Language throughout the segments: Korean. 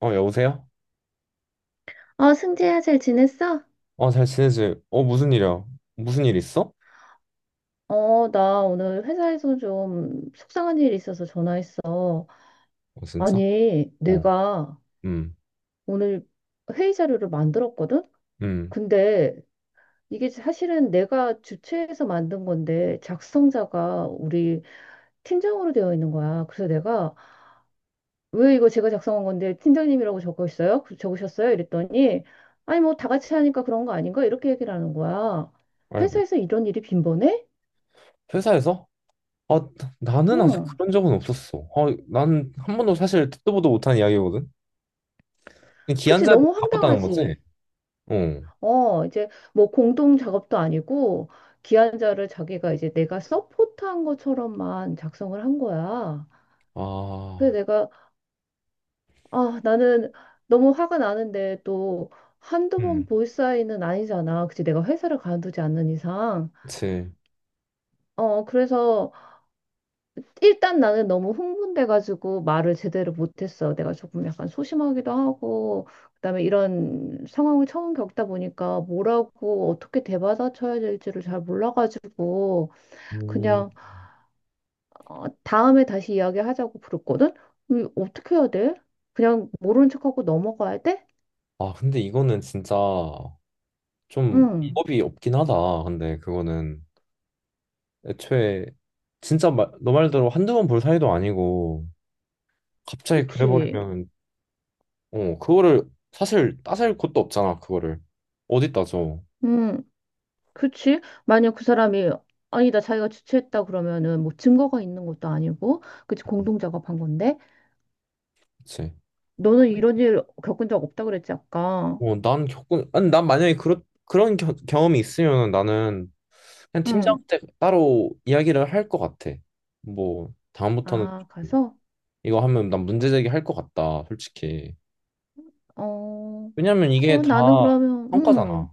어, 여보세요? 어, 승재야, 잘 지냈어? 어, 잘 지내지? 어, 무슨 일이야? 무슨 일 있어? 어, 나 오늘 회사에서 좀 속상한 일이 있어서 전화했어. 어, 진짜? 아니, 어, 내가 음, 오늘 회의 자료를 만들었거든? 음, 근데 이게 사실은 내가 주최해서 만든 건데 작성자가 우리 팀장으로 되어 있는 거야. 그래서 내가 왜 이거 제가 작성한 건데 팀장님이라고 적어 있어요? 적으셨어요? 이랬더니 아니, 뭐 다 같이 하니까 그런 거 아닌가? 이렇게 얘기를 하는 거야. 아이고. 회사에서 이런 일이 빈번해? 회사에서? 아, 나는 아직 응. 그런 적은 없었어. 아, 난한 번도 사실 듣도 보도 못한 이야기거든? 근데 기한 그치, 자리를 너무 바꿨다는 거지? 황당하지. 어. 어, 이제 뭐 공동 작업도 아니고 기한자를 자기가 이제 내가 서포트한 것처럼만 작성을 한 거야. 그래서 아, 내가, 아, 나는 너무 화가 나는데 또 한두 번 음, 볼 사이는 아니잖아. 그치, 내가 회사를 가두지 않는 이상. 그치. 어, 그래서 일단 나는 너무 흥분돼가지고 말을 제대로 못했어. 내가 조금 약간 소심하기도 하고, 그다음에 이런 상황을 처음 겪다 보니까 뭐라고 어떻게 대받아쳐야 될지를 잘 몰라가지고 음, 그냥 어, 다음에 다시 이야기하자고 부르거든. 어떻게 해야 돼? 그냥 모른 척하고 넘어가야 돼? 아, 근데 이거는 진짜 좀 응, 방법이 없긴 하다. 근데 그거는 애초에 진짜 너 말대로 한두 번 볼 사이도 아니고 갑자기 그치. 그래버리면 어, 그거를 사실 따질 곳도 없잖아, 그거를. 어디 따져. 응, 그치. 만약 그 사람이 아니다 자기가 주최했다 그러면은 뭐 증거가 있는 것도 아니고, 그치 공동 작업한 건데. 그치. 너는 이런 일 겪은 적 없다 그랬지, 아까. 어, 아니, 난 만약에 그런 경험이 있으면 나는 그냥 응. 팀장한테 따로 이야기를 할 것 같아. 뭐, 다음부터는 아, 좀 가서? 이거 하면 난 문제제기 할 것 같다, 솔직히. 어, 왜냐면 이게 어, 다 나는 그러면, 응, 성과잖아.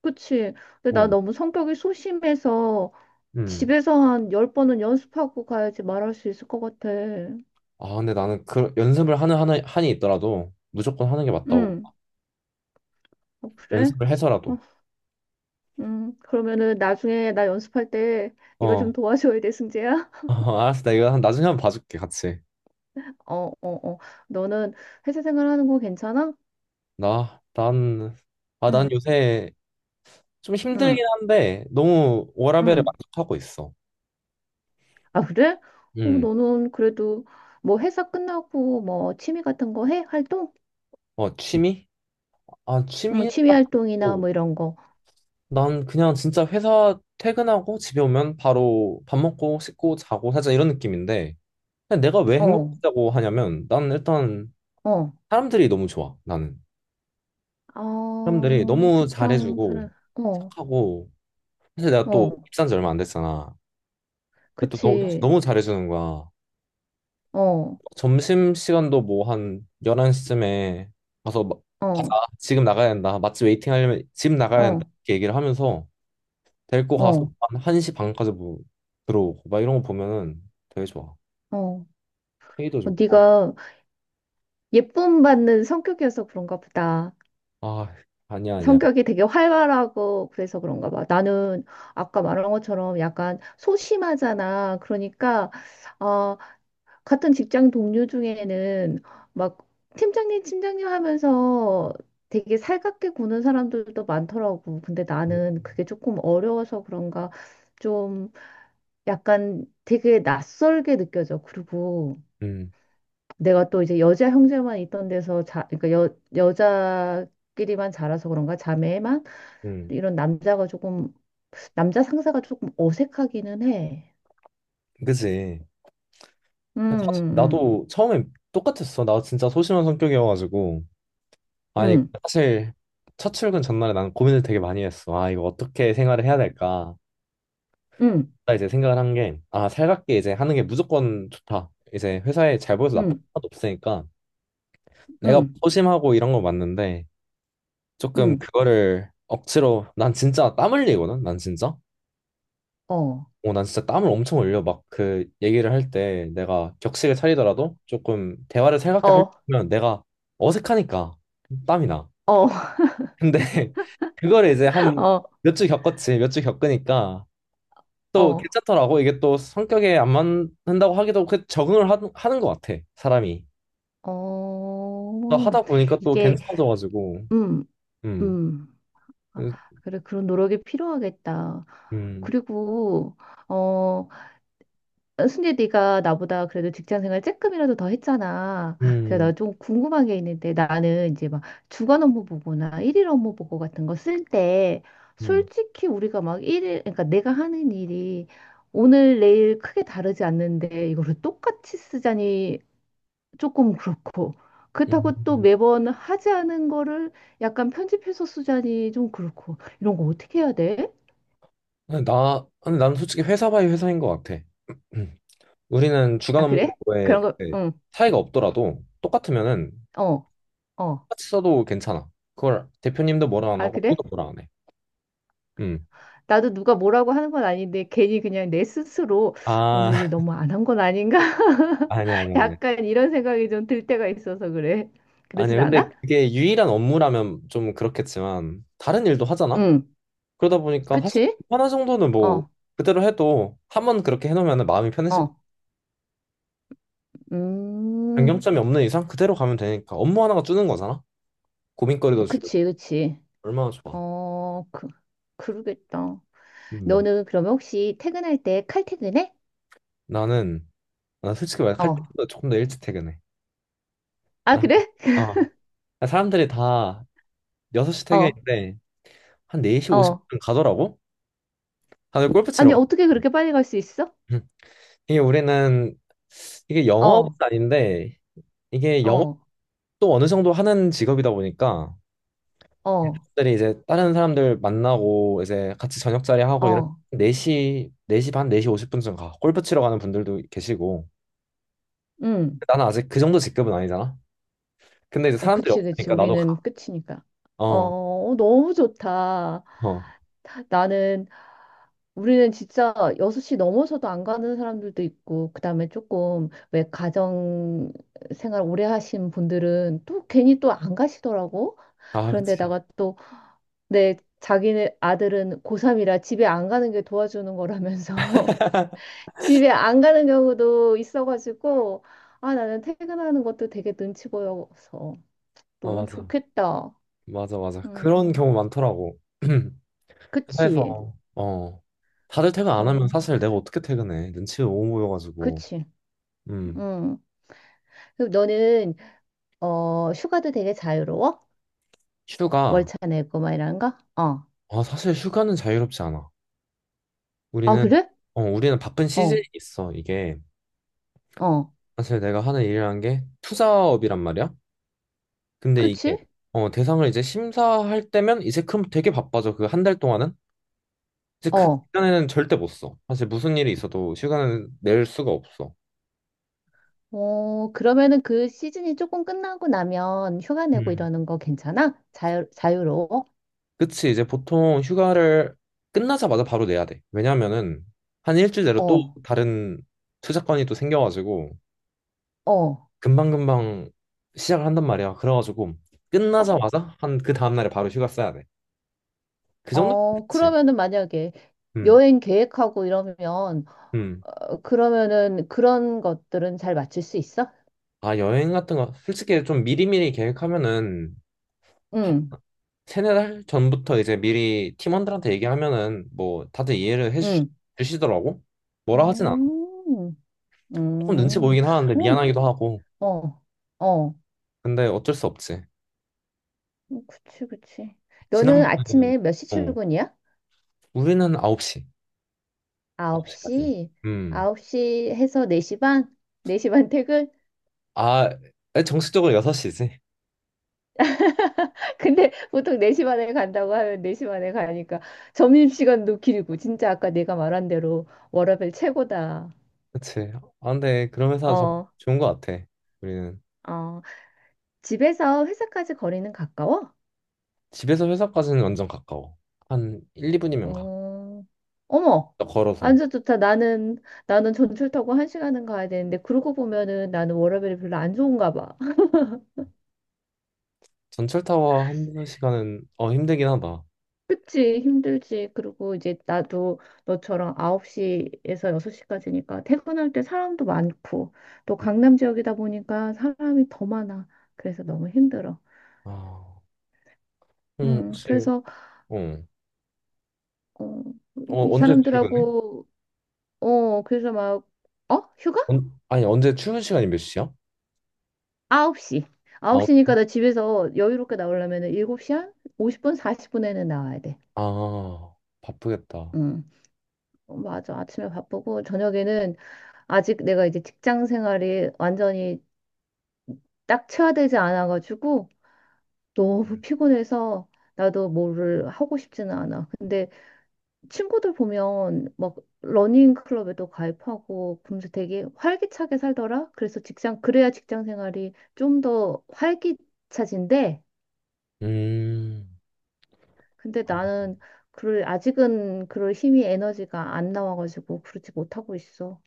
그치. 근데 나 어, 너무 성격이 소심해서 음. 집에서 한 열번은 연습하고 가야지 말할 수 있을 것 같아. 아, 근데 나는 그 연습을 하는 한이 있더라도 무조건 하는 게 맞다고. 응. 어, 그래? 연습을 어, 해서라도. 그러면은 나중에 나 연습할 때 네가 좀 어, 도와줘야 돼, 승재야. 알았어. 나 이거 나중에 한번 봐줄게, 같이. 어, 어, 어. 너는 회사 생활하는 거 괜찮아? 나, 난, 아, 난 응, 요새 좀 응, 힘들긴 한데 너무 워라밸에 응. 만족하고 있어. 아, 그래? 어, 음, 너는 그래도 뭐 회사 끝나고 뭐 취미 같은 거 해? 활동? 어, 취미? 아, 취미 취미 딱 활동이나 있고 뭐 이런 거. 난 그냥 진짜 회사 퇴근하고 집에 오면 바로 밥 먹고 씻고 자고 살짝 이런 느낌인데 근데 내가 왜 어, 행복하다고 하냐면 난 일단 어. 사람들이 너무 좋아, 나는. 사람들이 아, 너무 직장 잘해주고 사람. 어, 착하고 사실 내가 또 어. 입사한 지 얼마 안 됐잖아. 근데 또 너, 그치. 너무 잘해주는 거야. 어, 점심 시간도 뭐 한 11시쯤에 가서 막 가자. 어, 지금 나가야 된다. 맛집 웨이팅 하려면 지금 나가야 된다. 어, 이렇게 얘기를 하면서 데리고 가서 어, 한 1시 반까지 뭐 들어오고 막 이런 거 보면은 되게 좋아. 어. 페이도 어, 좋고. 네가 예쁨 받는 성격이어서 그런가 보다. 아, 아니야, 아니야. 성격이 되게 활발하고 그래서 그런가 봐. 나는 아까 말한 것처럼 약간 소심하잖아. 그러니까 아, 같은 직장 동료 중에는 막 팀장님, 팀장님 하면서 되게 살갑게 구는 사람들도 많더라고. 근데 음. 나는 그게 조금 어려워서 그런가 좀 약간 되게 낯설게 느껴져. 그리고 음. 내가 또 이제 여자 형제만 있던 데서 그러니까 여자끼리만 자라서 그런가 자매만 음. 이런 남자가 조금 남자 상사가 조금 어색하기는 해. 그지. 음, 사실 음, 나도 처음엔 똑같았어. 나 진짜 소심한 성격이어가지고. 아니, 음, 사실 첫 출근 전날에 난 고민을 되게 많이 했어. 아, 이거 어떻게 생활을 해야 될까? 음, 이제 생각을 한 게, 아, 살갑게 이제 하는 게 무조건 좋다. 이제 회사에 잘 보여서 나쁜 건 음, 하나도 없으니까 음, 내가 뭐 음, 소심하고 이런 거 맞는데 조금 음, 그거를 억지로 난 진짜 땀 흘리거든. 난 진짜. 어. 어, 난 진짜 땀을 엄청 흘려. 막 그 얘기를 할 때 내가 격식을 차리더라도 조금 대화를 살갑게 어, 하려면 내가 어색하니까 땀이 나. 어, 근데 그거를 이제 한 어, 몇 주 겪었지. 몇 주 겪으니까 또 어, 괜찮더라고. 이게 또 성격에 안 맞는다고 하기도 그 적응을 하는 것 같아, 사람이. 어, 또 하다 보니까 또 이게, 괜찮아져가지고. 음, 음. 음. 아, 음. 그래, 그런 노력이 필요하겠다. 음. 그리고, 어, 순재 네가 나보다 그래도 직장 생활 조금이라도 더 했잖아. 그래서 음. 나 좀 궁금한 게 있는데 나는 이제 막 주간 업무 보고나 일일 업무 보고 같은 거 쓸 때 음. 솔직히 우리가 막 일일, 그러니까 내가 하는 일이 오늘 내일 크게 다르지 않는데 이거를 똑같이 쓰자니 조금 그렇고. 그렇다고 또 음. 매번 하지 않은 거를 약간 편집해서 쓰자니 좀 그렇고. 이런 거 어떻게 해야 돼? 근데 나는 솔직히 회사 바이 회사인 것 같아. 음. 우리는 주간 아, 그래? 업무에 그런 거, 이제 응, 차이가 없더라도 똑같으면은 어, 어. 똑같이 써도 괜찮아. 그걸 대표님도 뭐라 안 아, 하고 그래? 아무도 뭐라 안 해. 음. 나도 누가 뭐라고 하는 건 아닌데 괜히 그냥 내 스스로 오늘 일 아, 너무 안 한 건 아닌가? 아니야, 아니야, 아니야. 약간 이런 생각이 좀 들 때가 있어서 그래. 아니야, 그러진 근데 않아? 그게 유일한 업무라면 좀 그렇겠지만, 다른 일도 하잖아? 응, 그러다 보니까 사실 그치? 하나 정도는 뭐 어, 그대로 해도 한 번 그렇게 해놓으면 마음이 편해질 거 어. 음, 변경점이 없는 이상 그대로 가면 되니까 업무 하나가 주는 거잖아. 고민거리도 줄고 그치, 그치. 얼마나 좋아. 어, 그러겠다. 음, 너는 그러면 혹시 퇴근할 때 칼퇴근해? 나는 나 솔직히 말해 할 어. 때보다 조금 더 일찍 퇴근해. 아, 나, 그래? 아, 사람들이 다 6시 어, 퇴근인데 한 4시 어. 50분 가더라고. 다들 골프 치러 아니, 가. 어떻게 그렇게 빨리 갈 수 있어? 음. 이게 우리는 이게 영업은 어, 아닌데 이게 어, 영업도 어느 정도 하는 직업이다 보니까 어, 들이 이제 다른 사람들 만나고 이제 같이 저녁 자리 하고 이런 어. 네시 4시 반 4시 50분쯤 가. 골프 치러 가는 분들도 계시고. 응. 나는 아직 그 정도 직급은 아니잖아. 근데 이제 어, 사람들이 그치, 그치. 없으니까 나도 우리는 가. 끝이니까. 어, 어. 어, 너무 좋다. 어. 나는, 우리는 진짜 6시 넘어서도 안 가는 사람들도 있고, 그 다음에 조금, 왜 가정 생활 오래 하신 분들은 또 괜히 또 안 가시더라고. 아, 그치. 그런데다가 네, 자기네 아들은 고3이라 집에 안 가는 게 도와주는 거라면서 집에 안 가는 경우도 있어가지고 아 나는 퇴근하는 것도 되게 눈치 보여서 어, 너는 맞아. 좋겠다. 맞아, 맞아. 음, 그런 경우 많더라고. 그치. 회사에서 어. 다들 퇴근 안 하면 음, 사실 내가 어떻게 퇴근해? 눈치 너무 보여가지고. 그치. 음. 음. 그럼 너는 어 휴가도 되게 자유로워? 휴가. 월차 내고 막 이런 거? 어. 아, 사실 휴가는 자유롭지 않아. 아 우리는 그래? 우리는 바쁜 시즌이 어, 있어, 이게. 어. 사실 내가 하는 일이라는 게 투자업이란 말이야. 근데 이게 그치? 대상을 이제 심사할 때면 이제 그럼 되게 바빠져. 그 한 달 동안은 이제 그 어, 기간에는 절대 못 써. 사실 무슨 일이 있어도 휴가는 낼 수가 없어. 어, 그러면은 그 시즌이 조금 끝나고 나면 휴가 내고 음. 이러는 거 괜찮아? 자유로워? 그치 이제 보통 휴가를 끝나자마자 바로 내야 돼. 왜냐면은 한 일주일 내로 또 어, 다른 투자 건이 또 생겨가지고 어, 금방금방 시작을 한단 말이야. 그래가지고 어, 끝나자마자 한 그 다음날에 바로 휴가 써야 돼. 그 정도면 어, 그치. 그러면은 만약에 음, 여행 계획하고 이러면, 음. 어, 그러면은 그런 것들은 잘 맞출 수 있어? 아, 여행 같은 거, 솔직히 좀 미리미리 계획하면은, 한 응, 세네 달 전부터 이제 미리 팀원들한테 얘기하면은, 뭐, 다들 이해를 응, 해주시더라고? 뭐라 하진 않아. 음, 조금 눈치 음, 보이긴 하는데, 어, 미안하기도 하고. 어, 어, 어, 근데 어쩔 수 없지. 그치, 그치. 너는 지난번에, 아침에 몇 시 어, 출근이야? 우리는 9시. 9시까지. 9시? 음. 9시 해서 4시 반? 4시 반 퇴근? 아, 정식적으로 6시지. 근데 보통 4시 반에 간다고 하면 4시 반에 가니까 점심시간도 길고 진짜 아까 내가 말한 대로 워라밸 최고다. 그치. 아, 근데 그런 회사 어, 좋은 거 같아. 우리는. 어. 집에서 회사까지 거리는 가까워? 집에서 회사까지는 완전 가까워. 한 1, 2분이면 가. 어, 어머. 걸어서. 완전 좋다. 나는 전철 타고 한 시간은 가야 되는데 그러고 보면은 나는 워라밸이 별로 안 좋은가 봐. 전철 타워 한 시간은 힘들긴 하다. 그치, 힘들지. 그리고 이제 나도 너처럼 9시에서 6시까지니까 퇴근할 때 사람도 많고, 또 강남 지역이다 보니까 사람이 더 많아. 그래서 너무 힘들어. 아, 혹시 그래서, 어, 어, 이 언제 출근해? 사람들하고, 어, 그래서 막, 어? 휴가? 아니, 언제 출근 시간이 몇 시야? 9시. 아홉 9시니까 시? 나 집에서 여유롭게 나오려면 7시 한 50분, 40분에는 나와야 돼. 아 바쁘겠다. 음, 어, 맞아. 아침에 바쁘고, 저녁에는 아직 내가 이제 직장 생활이 완전히 낙체화되지 않아가지고 너무 피곤해서 나도 뭐를 하고 싶지는 않아. 근데 친구들 보면 막 러닝 클럽에도 가입하고 그러면서 되게 활기차게 살더라. 그래서 직장 그래야 직장 생활이 좀 더 활기차진데 음, 근데 아, 나는 그럴 아직은 그럴 힘이 에너지가 안 나와가지고 그러지 못하고 있어.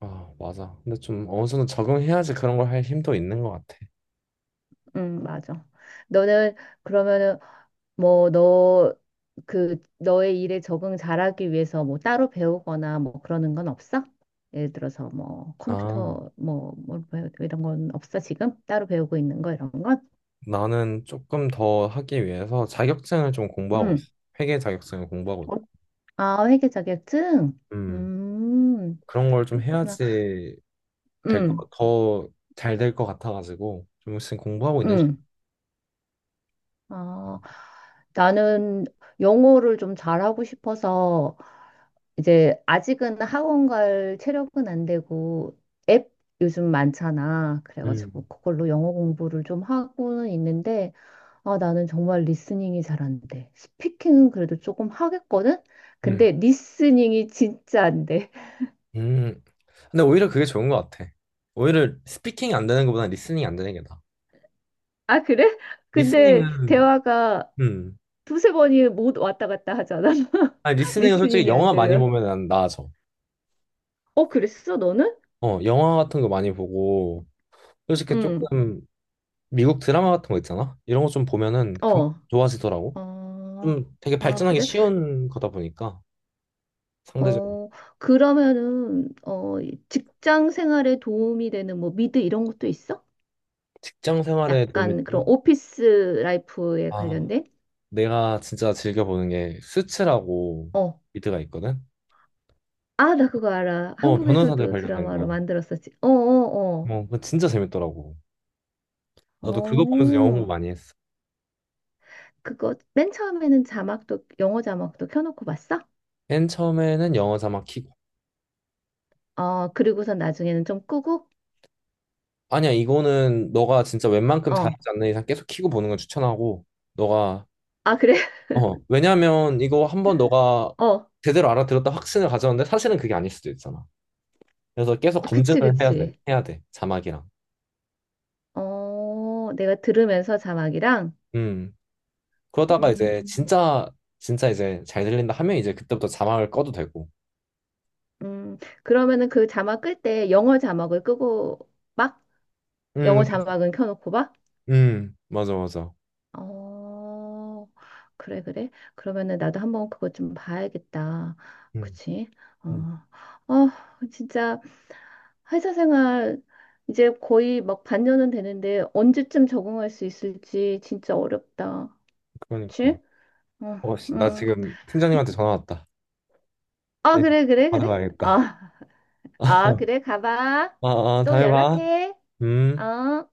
아, 맞아. 근데 좀 어느 정도 적응해야지 그런 걸 할 힘도 있는 것 같아. 응, 맞아. 너는 그러면은 뭐, 너, 너의 일에 적응 잘하기 위해서 뭐 따로 배우거나 뭐 그러는 건 없어? 예를 들어서 뭐 아 컴퓨터 뭐 이런 건 없어, 지금? 따로 배우고 있는 거 이런 건? 나는 조금 더 하기 위해서 자격증을 좀 공부하고 응. 있어. 회계 자격증을 공부하고 어, 있고. 아, 회계 자격증? 음 음, 그런 걸 좀 그렇구나. 해야지 될 응, 거, 더 잘 될 것 같아가지고 좀 지금 공부하고 있는 응. 아, 나는 영어를 좀 잘하고 싶어서 이제 아직은 학원 갈 체력은 안 되고 앱 요즘 많잖아. 그래가지고 음, 그걸로 영어 공부를 좀 하고는 있는데 아 나는 정말 리스닝이 잘 안 돼. 스피킹은 그래도 조금 하겠거든. 음, 근데 리스닝이 진짜 안 돼. 음. 근데 오히려 그게 좋은 것 같아. 오히려 스피킹이 안 되는 것보다 리스닝이 안 되는 게 나아. 아 그래? 근데 리스닝은, 대화가 음. 두세 번이 못 왔다 갔다 하잖아. 아니, 리스닝은 솔직히 리스닝이 안 영화 많이 되면. 보면 난 나아져. 어 그랬어 너는? 어, 영화 같은 거 많이 보고, 솔직히 응. 조금 미국 드라마 같은 거 있잖아? 이런 거 좀 보면은 금 어. 좋아지더라고. 어. 좀 되게 아 발전하기 그래? 쉬운 거다 보니까, 상대적으로. 어, 그러면은, 어, 이 직장 생활에 도움이 되는 뭐 미드 이런 것도 있어? 직장 생활에 도움이 약간 그런 되는? 오피스 라이프에 아, 관련된? 내가 진짜 즐겨보는 게 수츠라고 어. 미드가 있거든? 아, 나 그거 알아. 어, 변호사들 한국에서도 관련된 드라마로 거. 만들었었지. 어, 어, 뭐 그거 진짜 재밌더라고. 어. 나도 그거 보면서 영어 공부 어, 많이 했어. 그거 맨 처음에는 자막도, 영어 자막도 켜놓고 봤어? 맨 처음에는 영어 자막 키고. 어, 그리고선 나중에는 좀 끄고? 아니야, 이거는 너가 진짜 웬만큼 어. 잘하지 않는 이상 계속 키고 보는 걸 추천하고. 너가 아, 그래? 왜냐면 이거 한번 너가 어. 제대로 알아들었다 확신을 가졌는데 사실은 그게 아닐 수도 있잖아. 그래서 계속 검증을 그치, 해야 돼. 그치. 해야 돼. 자막이랑. 어, 내가 들으면서 자막이랑, 음. 그러다가 이제 음. 진짜 진짜 이제 잘 들린다 하면 이제 그때부터 자막을 꺼도 되고. 그러면은 그 자막 끌 때 영어 자막을 끄고 막 영어 음. 자막은 켜놓고 막? 음. 맞아 맞아. 어, 그래, 그래. 그러면은 나도 한번 그거 좀 봐야겠다. 음. 그치? 어, 음. 어, 진짜 회사 생활 이제 거의 막 반년은 되는데 언제쯤 적응할 수 있을지 진짜 어렵다. 그러니까. 그치? 어, 어, 씨, 나 응. 지금 팀장님한테 전화 왔다. 아, 예, 그래, 그래, 받으러 그래. 가야겠다. 아, 아, 그래, 가봐. 아, 아, 또 다음에 봐. 연락해. 음. 어.